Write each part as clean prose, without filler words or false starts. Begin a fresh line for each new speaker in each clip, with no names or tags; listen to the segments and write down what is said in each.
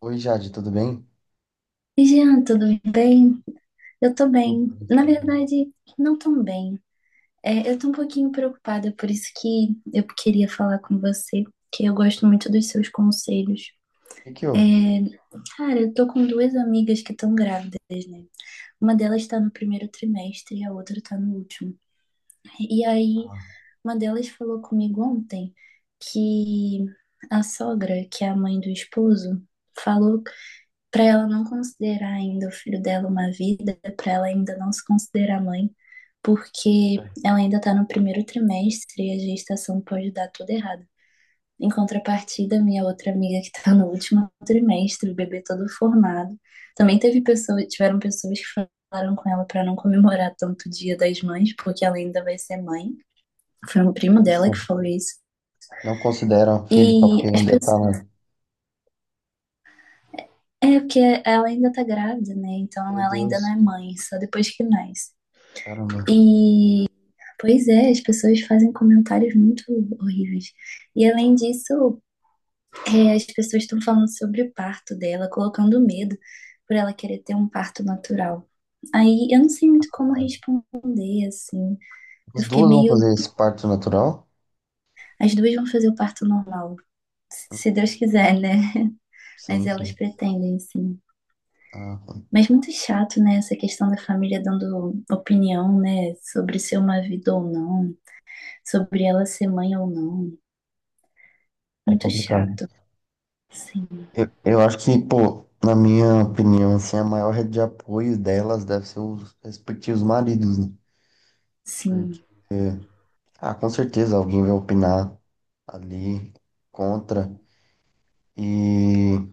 Oi, Jade, tudo bem?
Oi, Jean, tudo bem? Eu tô
Tudo
bem.
bem,
Na
sabe? O
verdade, não tão bem. É, eu tô um pouquinho preocupada, por isso que eu queria falar com você, que eu gosto muito dos seus conselhos.
que que
É,
houve?
cara, eu tô com duas amigas que estão grávidas, né? Uma delas tá no primeiro trimestre e a outra tá no último. E aí,
Ah,
uma delas falou comigo ontem que a sogra, que é a mãe do esposo, falou para ela não considerar ainda o filho dela uma vida, para ela ainda não se considerar mãe, porque
tá.
ela ainda está no primeiro trimestre e a gestação pode dar tudo errado. Em contrapartida, minha outra amiga que está no último trimestre, o bebê todo formado, também teve pessoas, tiveram pessoas que falaram com ela para não comemorar tanto o Dia das Mães, porque ela ainda vai ser mãe. Foi um
Que
primo dela que
isso.
falou isso.
Não consideram filho só
E
porque
as
ainda tá na...
pessoas. Porque ela ainda tá grávida, né? Então
Meu
ela ainda não é
Deus,
mãe, só depois que nasce.
caramba.
E, pois é, as pessoas fazem comentários muito horríveis. E além disso, as pessoas estão falando sobre o parto dela, colocando medo por ela querer ter um parto natural. Aí eu não sei muito como
Tá.
responder, assim.
As
Eu fiquei
duas vão fazer
meio.
esse parto natural?
As duas vão fazer o parto normal, se Deus quiser, né? Mas
Sim,
elas
sim.
pretendem, sim.
Ah,
Mas muito chato, né? Essa questão da família dando opinião, né? Sobre ser uma vida ou não, sobre ela ser mãe ou não.
é
Muito
complicado.
chato. Sim,
Eu acho que, pô, na minha opinião, assim, a maior rede de apoio delas deve ser os respectivos maridos, né?
sim.
Porque, ah, com certeza alguém vai opinar ali contra e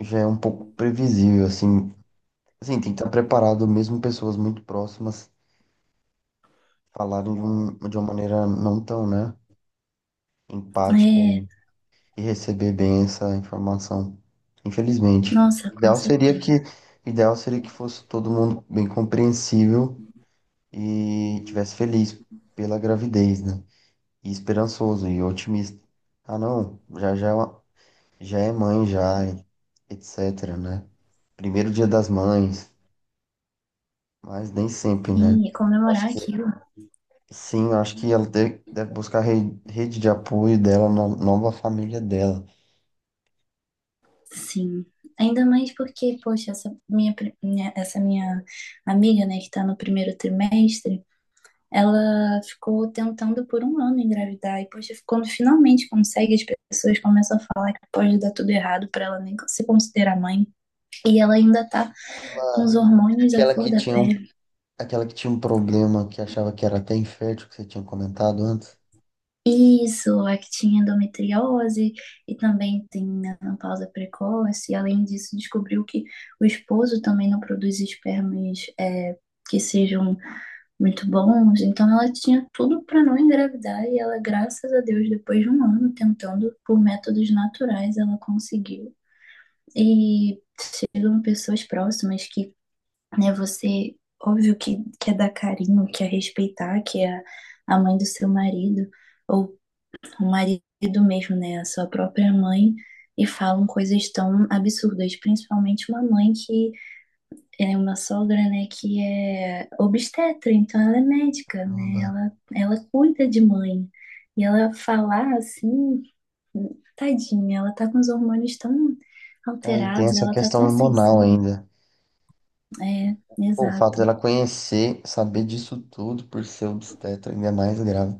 já é um pouco previsível, assim. Assim, tem que estar preparado, mesmo pessoas muito próximas falarem de, um, de uma maneira não tão, né, empática
É,
e receber bem essa informação. Infelizmente.
nossa, com certeza.
O ideal seria que fosse todo mundo bem compreensível e tivesse feliz pela gravidez, né? E esperançoso e otimista. Ah, não, já é mãe já, e etc, né? Primeiro dia das mães, mas nem sempre, né?
Sim, e comemorar
Acho que
aquilo.
Sim, eu acho que ela deve buscar a rede de apoio dela na nova família dela.
Sim. Ainda mais porque, poxa, essa minha amiga, né, que tá no primeiro trimestre, ela ficou tentando por um ano engravidar. E, poxa, quando finalmente consegue, as pessoas começam a falar que pode dar tudo errado pra ela nem se considerar mãe. E ela ainda tá com
Ela-
os
é
hormônios à flor da pele.
aquela que tinha um problema que achava que era até infértil, que você tinha comentado antes.
Isso, é que tinha endometriose e também tem menopausa precoce. E além disso, descobriu que o esposo também não produz espermas que sejam muito bons. Então, ela tinha tudo para não engravidar e ela, graças a Deus, depois de um ano tentando por métodos naturais, ela conseguiu. E chegam pessoas próximas que, né, você, óbvio que quer dar carinho, quer respeitar, que é a mãe do seu marido ou o marido mesmo, né, a sua própria mãe, e falam coisas tão absurdas, principalmente uma mãe que é uma sogra, né, que é obstetra, então ela é médica, né,
Caramba.
ela cuida de mãe, e ela falar assim, tadinha, ela tá com os hormônios tão
Aí tem
alterados,
essa
ela tá
questão
tão
hormonal
sensível.
ainda.
É,
Pô, o fato
exato.
dela conhecer, saber disso tudo por ser obstetra ainda é mais grave.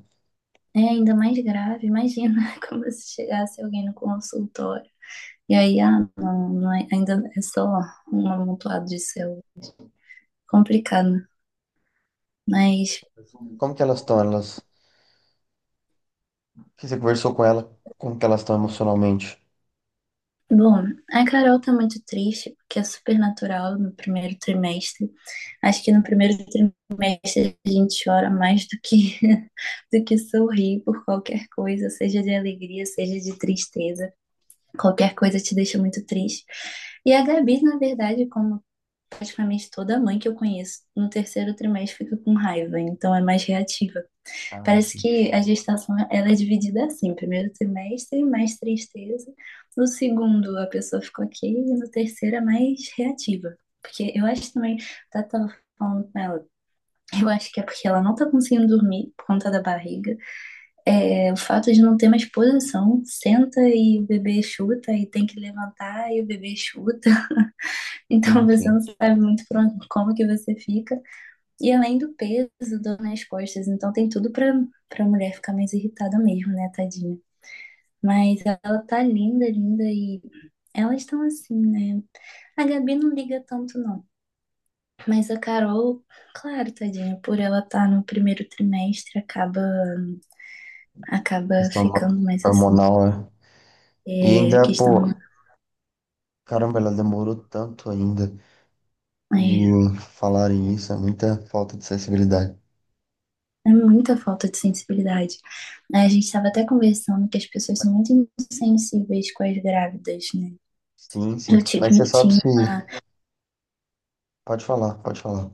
É ainda mais grave, imagina como se chegasse alguém no consultório. E aí, ah, não, ainda é só um amontoado de céu. Complicado. Mas,
Como que elas estão? Que você conversou com ela, como que elas estão emocionalmente?
bom, a Carol tá muito triste, porque é super natural no primeiro trimestre. Acho que no primeiro trimestre a gente chora mais do que, do que sorrir por qualquer coisa, seja de alegria, seja de tristeza. Qualquer coisa te deixa muito triste. E a Gabi, na verdade, como praticamente toda mãe que eu conheço, no terceiro trimestre fica com raiva, então é mais reativa.
Ah,
Parece
sim,
que a gestação ela é dividida assim, primeiro trimestre, mais tristeza, no segundo a pessoa ficou ok, e no terceiro é mais reativa. Porque eu acho também, tá tava falando com ela, eu acho que é porque ela não tá conseguindo dormir por conta da barriga. É, o fato de não ter mais posição, senta e o bebê chuta e tem que levantar e o bebê chuta.
sim,
Então você
sim.
não sabe muito pra como que você fica. E além do peso, dor nas costas, então tem tudo pra, pra mulher ficar mais irritada mesmo, né, tadinha. Mas ela tá linda, linda e elas estão assim, né? A Gabi não liga tanto, não. Mas a Carol, claro, tadinha, por ela estar tá no primeiro trimestre, acaba, acaba
Questão
ficando mais assim.
hormonal, né? E
É, a
ainda,
questão
pô, caramba, ela demorou tanto ainda.
é,
E falarem isso é muita falta de sensibilidade.
é muita falta de sensibilidade. A gente estava até conversando que as pessoas são muito insensíveis com as grávidas, né?
Sim,
Eu
sim. Mas você
tive,
sabe
tinha
se.
uma
Pode falar, pode falar.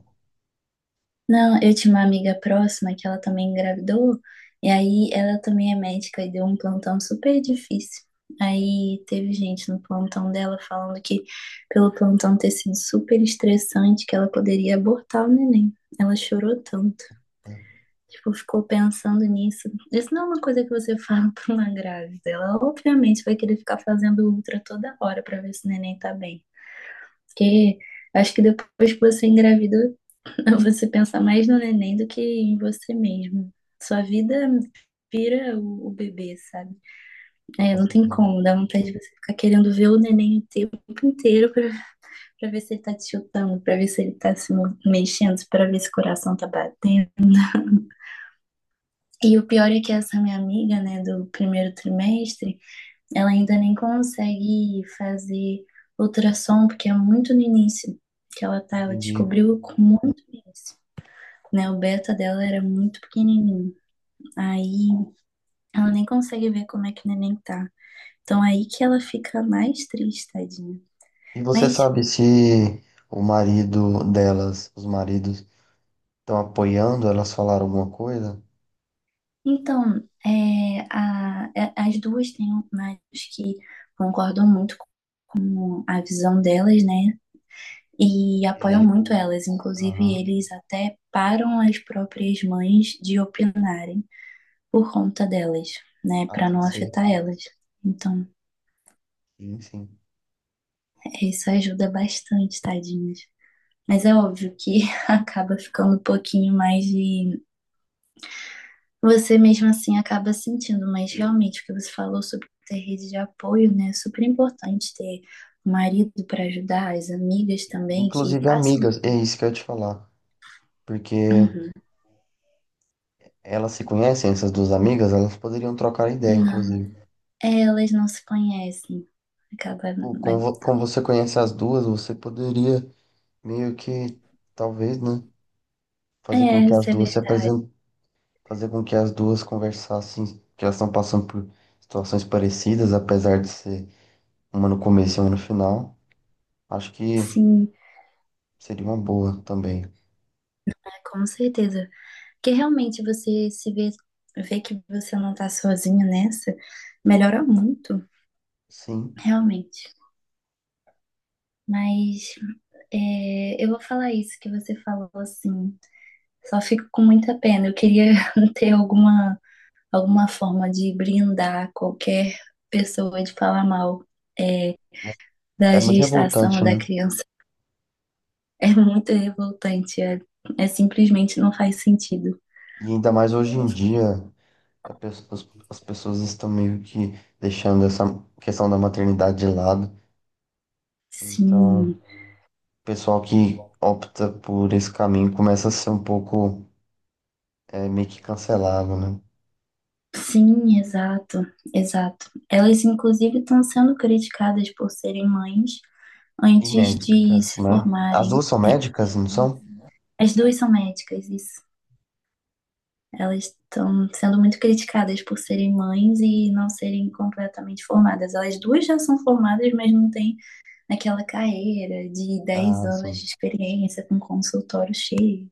Não, eu tinha uma amiga próxima que ela também engravidou, e aí ela também é médica e deu um plantão super difícil. Aí teve gente no plantão dela falando que, pelo plantão ter sido super estressante, que ela poderia abortar o neném. Ela chorou tanto.
É,
Tipo, ficou pensando nisso. Isso não é uma coisa que você fala pra uma grávida. Ela obviamente vai querer ficar fazendo ultra toda hora pra ver se o neném tá bem. Porque acho que depois que você engravida, você pensa mais no neném do que em você mesmo. Sua vida vira o bebê, sabe?
tá,
É,
com
não tem
certeza.
como, dá vontade de você ficar querendo ver o neném o tempo inteiro pra, pra ver se ele tá te chutando, pra ver se ele tá se mexendo, pra ver se o coração tá batendo. E o pior é que essa minha amiga, né, do primeiro trimestre, ela ainda nem consegue fazer ultrassom, porque é muito no início que ela tá, ela
Entendi.
descobriu com muito no início, né? O beta dela era muito pequenininho. Aí ela nem consegue ver como é que o neném tá. Então é aí que ela fica mais triste, tadinha.
E você
Mas
sabe se os maridos estão apoiando elas falar alguma coisa?
então, as duas têm médicos que concordam muito com a visão delas, né? E apoiam
E...
muito elas. Inclusive,
Aham.
eles até param as próprias mães de opinarem por conta delas, né?
Ah,
Para
tem que
não
ser.
afetar elas. Então,
Sim, sim.
isso ajuda bastante, tadinhas. Mas é óbvio que acaba ficando um pouquinho mais de. Você mesmo assim acaba sentindo, mas realmente o que você falou sobre ter rede de apoio, né? É super importante ter o marido para ajudar, as amigas também que
Inclusive
passam.
amigas, é isso que eu ia te falar. Porque
Uhum.
elas se conhecem, essas duas amigas, elas poderiam trocar ideia,
Não.
inclusive.
É, elas não se conhecem. Acaba.
Pô, como você conhece as duas, você poderia meio que talvez, né?
É,
Fazer com
é,
que as
isso é
duas se
verdade.
apresentem, fazer com que as duas conversassem, que elas estão passando por situações parecidas, apesar de ser uma no começo e uma no final. Acho que
Sim,
seria uma boa também.
com certeza. Porque realmente você se vê, vê que você não tá sozinha nessa, melhora muito,
Sim,
realmente. Mas eu vou falar isso que você falou assim. Só fico com muita pena. Eu queria ter alguma, alguma forma de brindar qualquer pessoa de falar mal é,
é
da
é muito
gestação
revoltante,
da
né?
criança. É muito revoltante. É, é simplesmente não faz sentido.
E ainda mais hoje em dia, a pe- as as pessoas estão meio que deixando essa questão da maternidade de lado. Então, o
Sim,
pessoal que opta por esse caminho começa a ser um pouco é, meio que cancelado, né?
sim, exato, exato. Elas, inclusive, estão sendo criticadas por serem mães
E
antes de
médicas,
se
né? As
formarem.
duas são médicas, não são?
As duas são médicas, isso. Elas estão sendo muito criticadas por serem mães e não serem completamente formadas. Elas duas já são formadas, mas não têm aquela carreira de dez
Ah,
anos
sim.
de experiência com consultório cheio.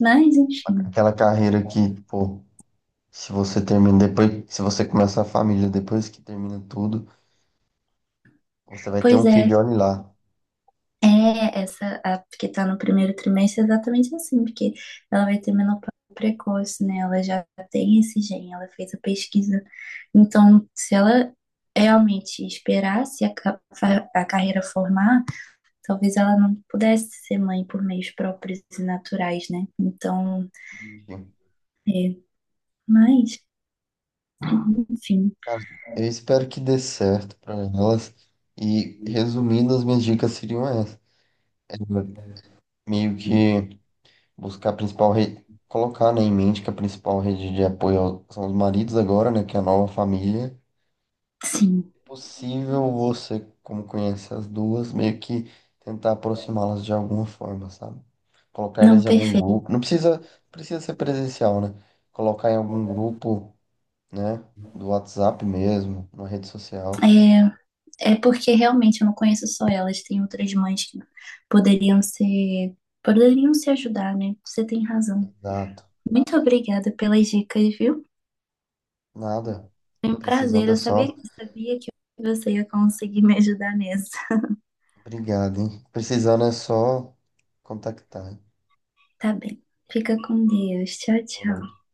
Mas, enfim.
Aquela carreira que, pô, se você termina depois, se você começa a família depois que termina tudo, você vai ter
Pois
um
é,
filho, olha lá.
é essa a que está no primeiro trimestre é exatamente assim, porque ela vai ter menopausa precoce, né? Ela já tem esse gene, ela fez a pesquisa. Então, se ela realmente esperar se a, a carreira formar, talvez ela não pudesse ser mãe por meios próprios e naturais, né? Então,
Enfim,
é, mas, enfim,
cara, eu espero que dê certo pra elas. E resumindo, as minhas dicas seriam essas. É, meio que buscar a principal rede, colocar, né, em mente que a principal rede de são os maridos agora, né, que é a nova família.
sim.
Possível você, como conhece as duas, meio que tentar aproximá-las de alguma forma, sabe? Colocar elas
Não,
em algum
perfeito.
grupo. Não precisa, precisa ser presencial, né? Colocar em algum grupo, né? Do WhatsApp mesmo, na rede social.
É, é porque realmente eu não conheço só elas, tem outras mães que poderiam ser, poderiam se ajudar, né? Você tem razão.
Exato.
Muito obrigada pelas dicas, viu?
Nada.
Foi um prazer,
Precisando é
eu sabia,
só.
sabia que você ia conseguir me ajudar nessa.
Obrigado, hein? Precisando é só contactar, hein?
Tá bem. Fica com Deus. Tchau,
Boa
tchau.
noite.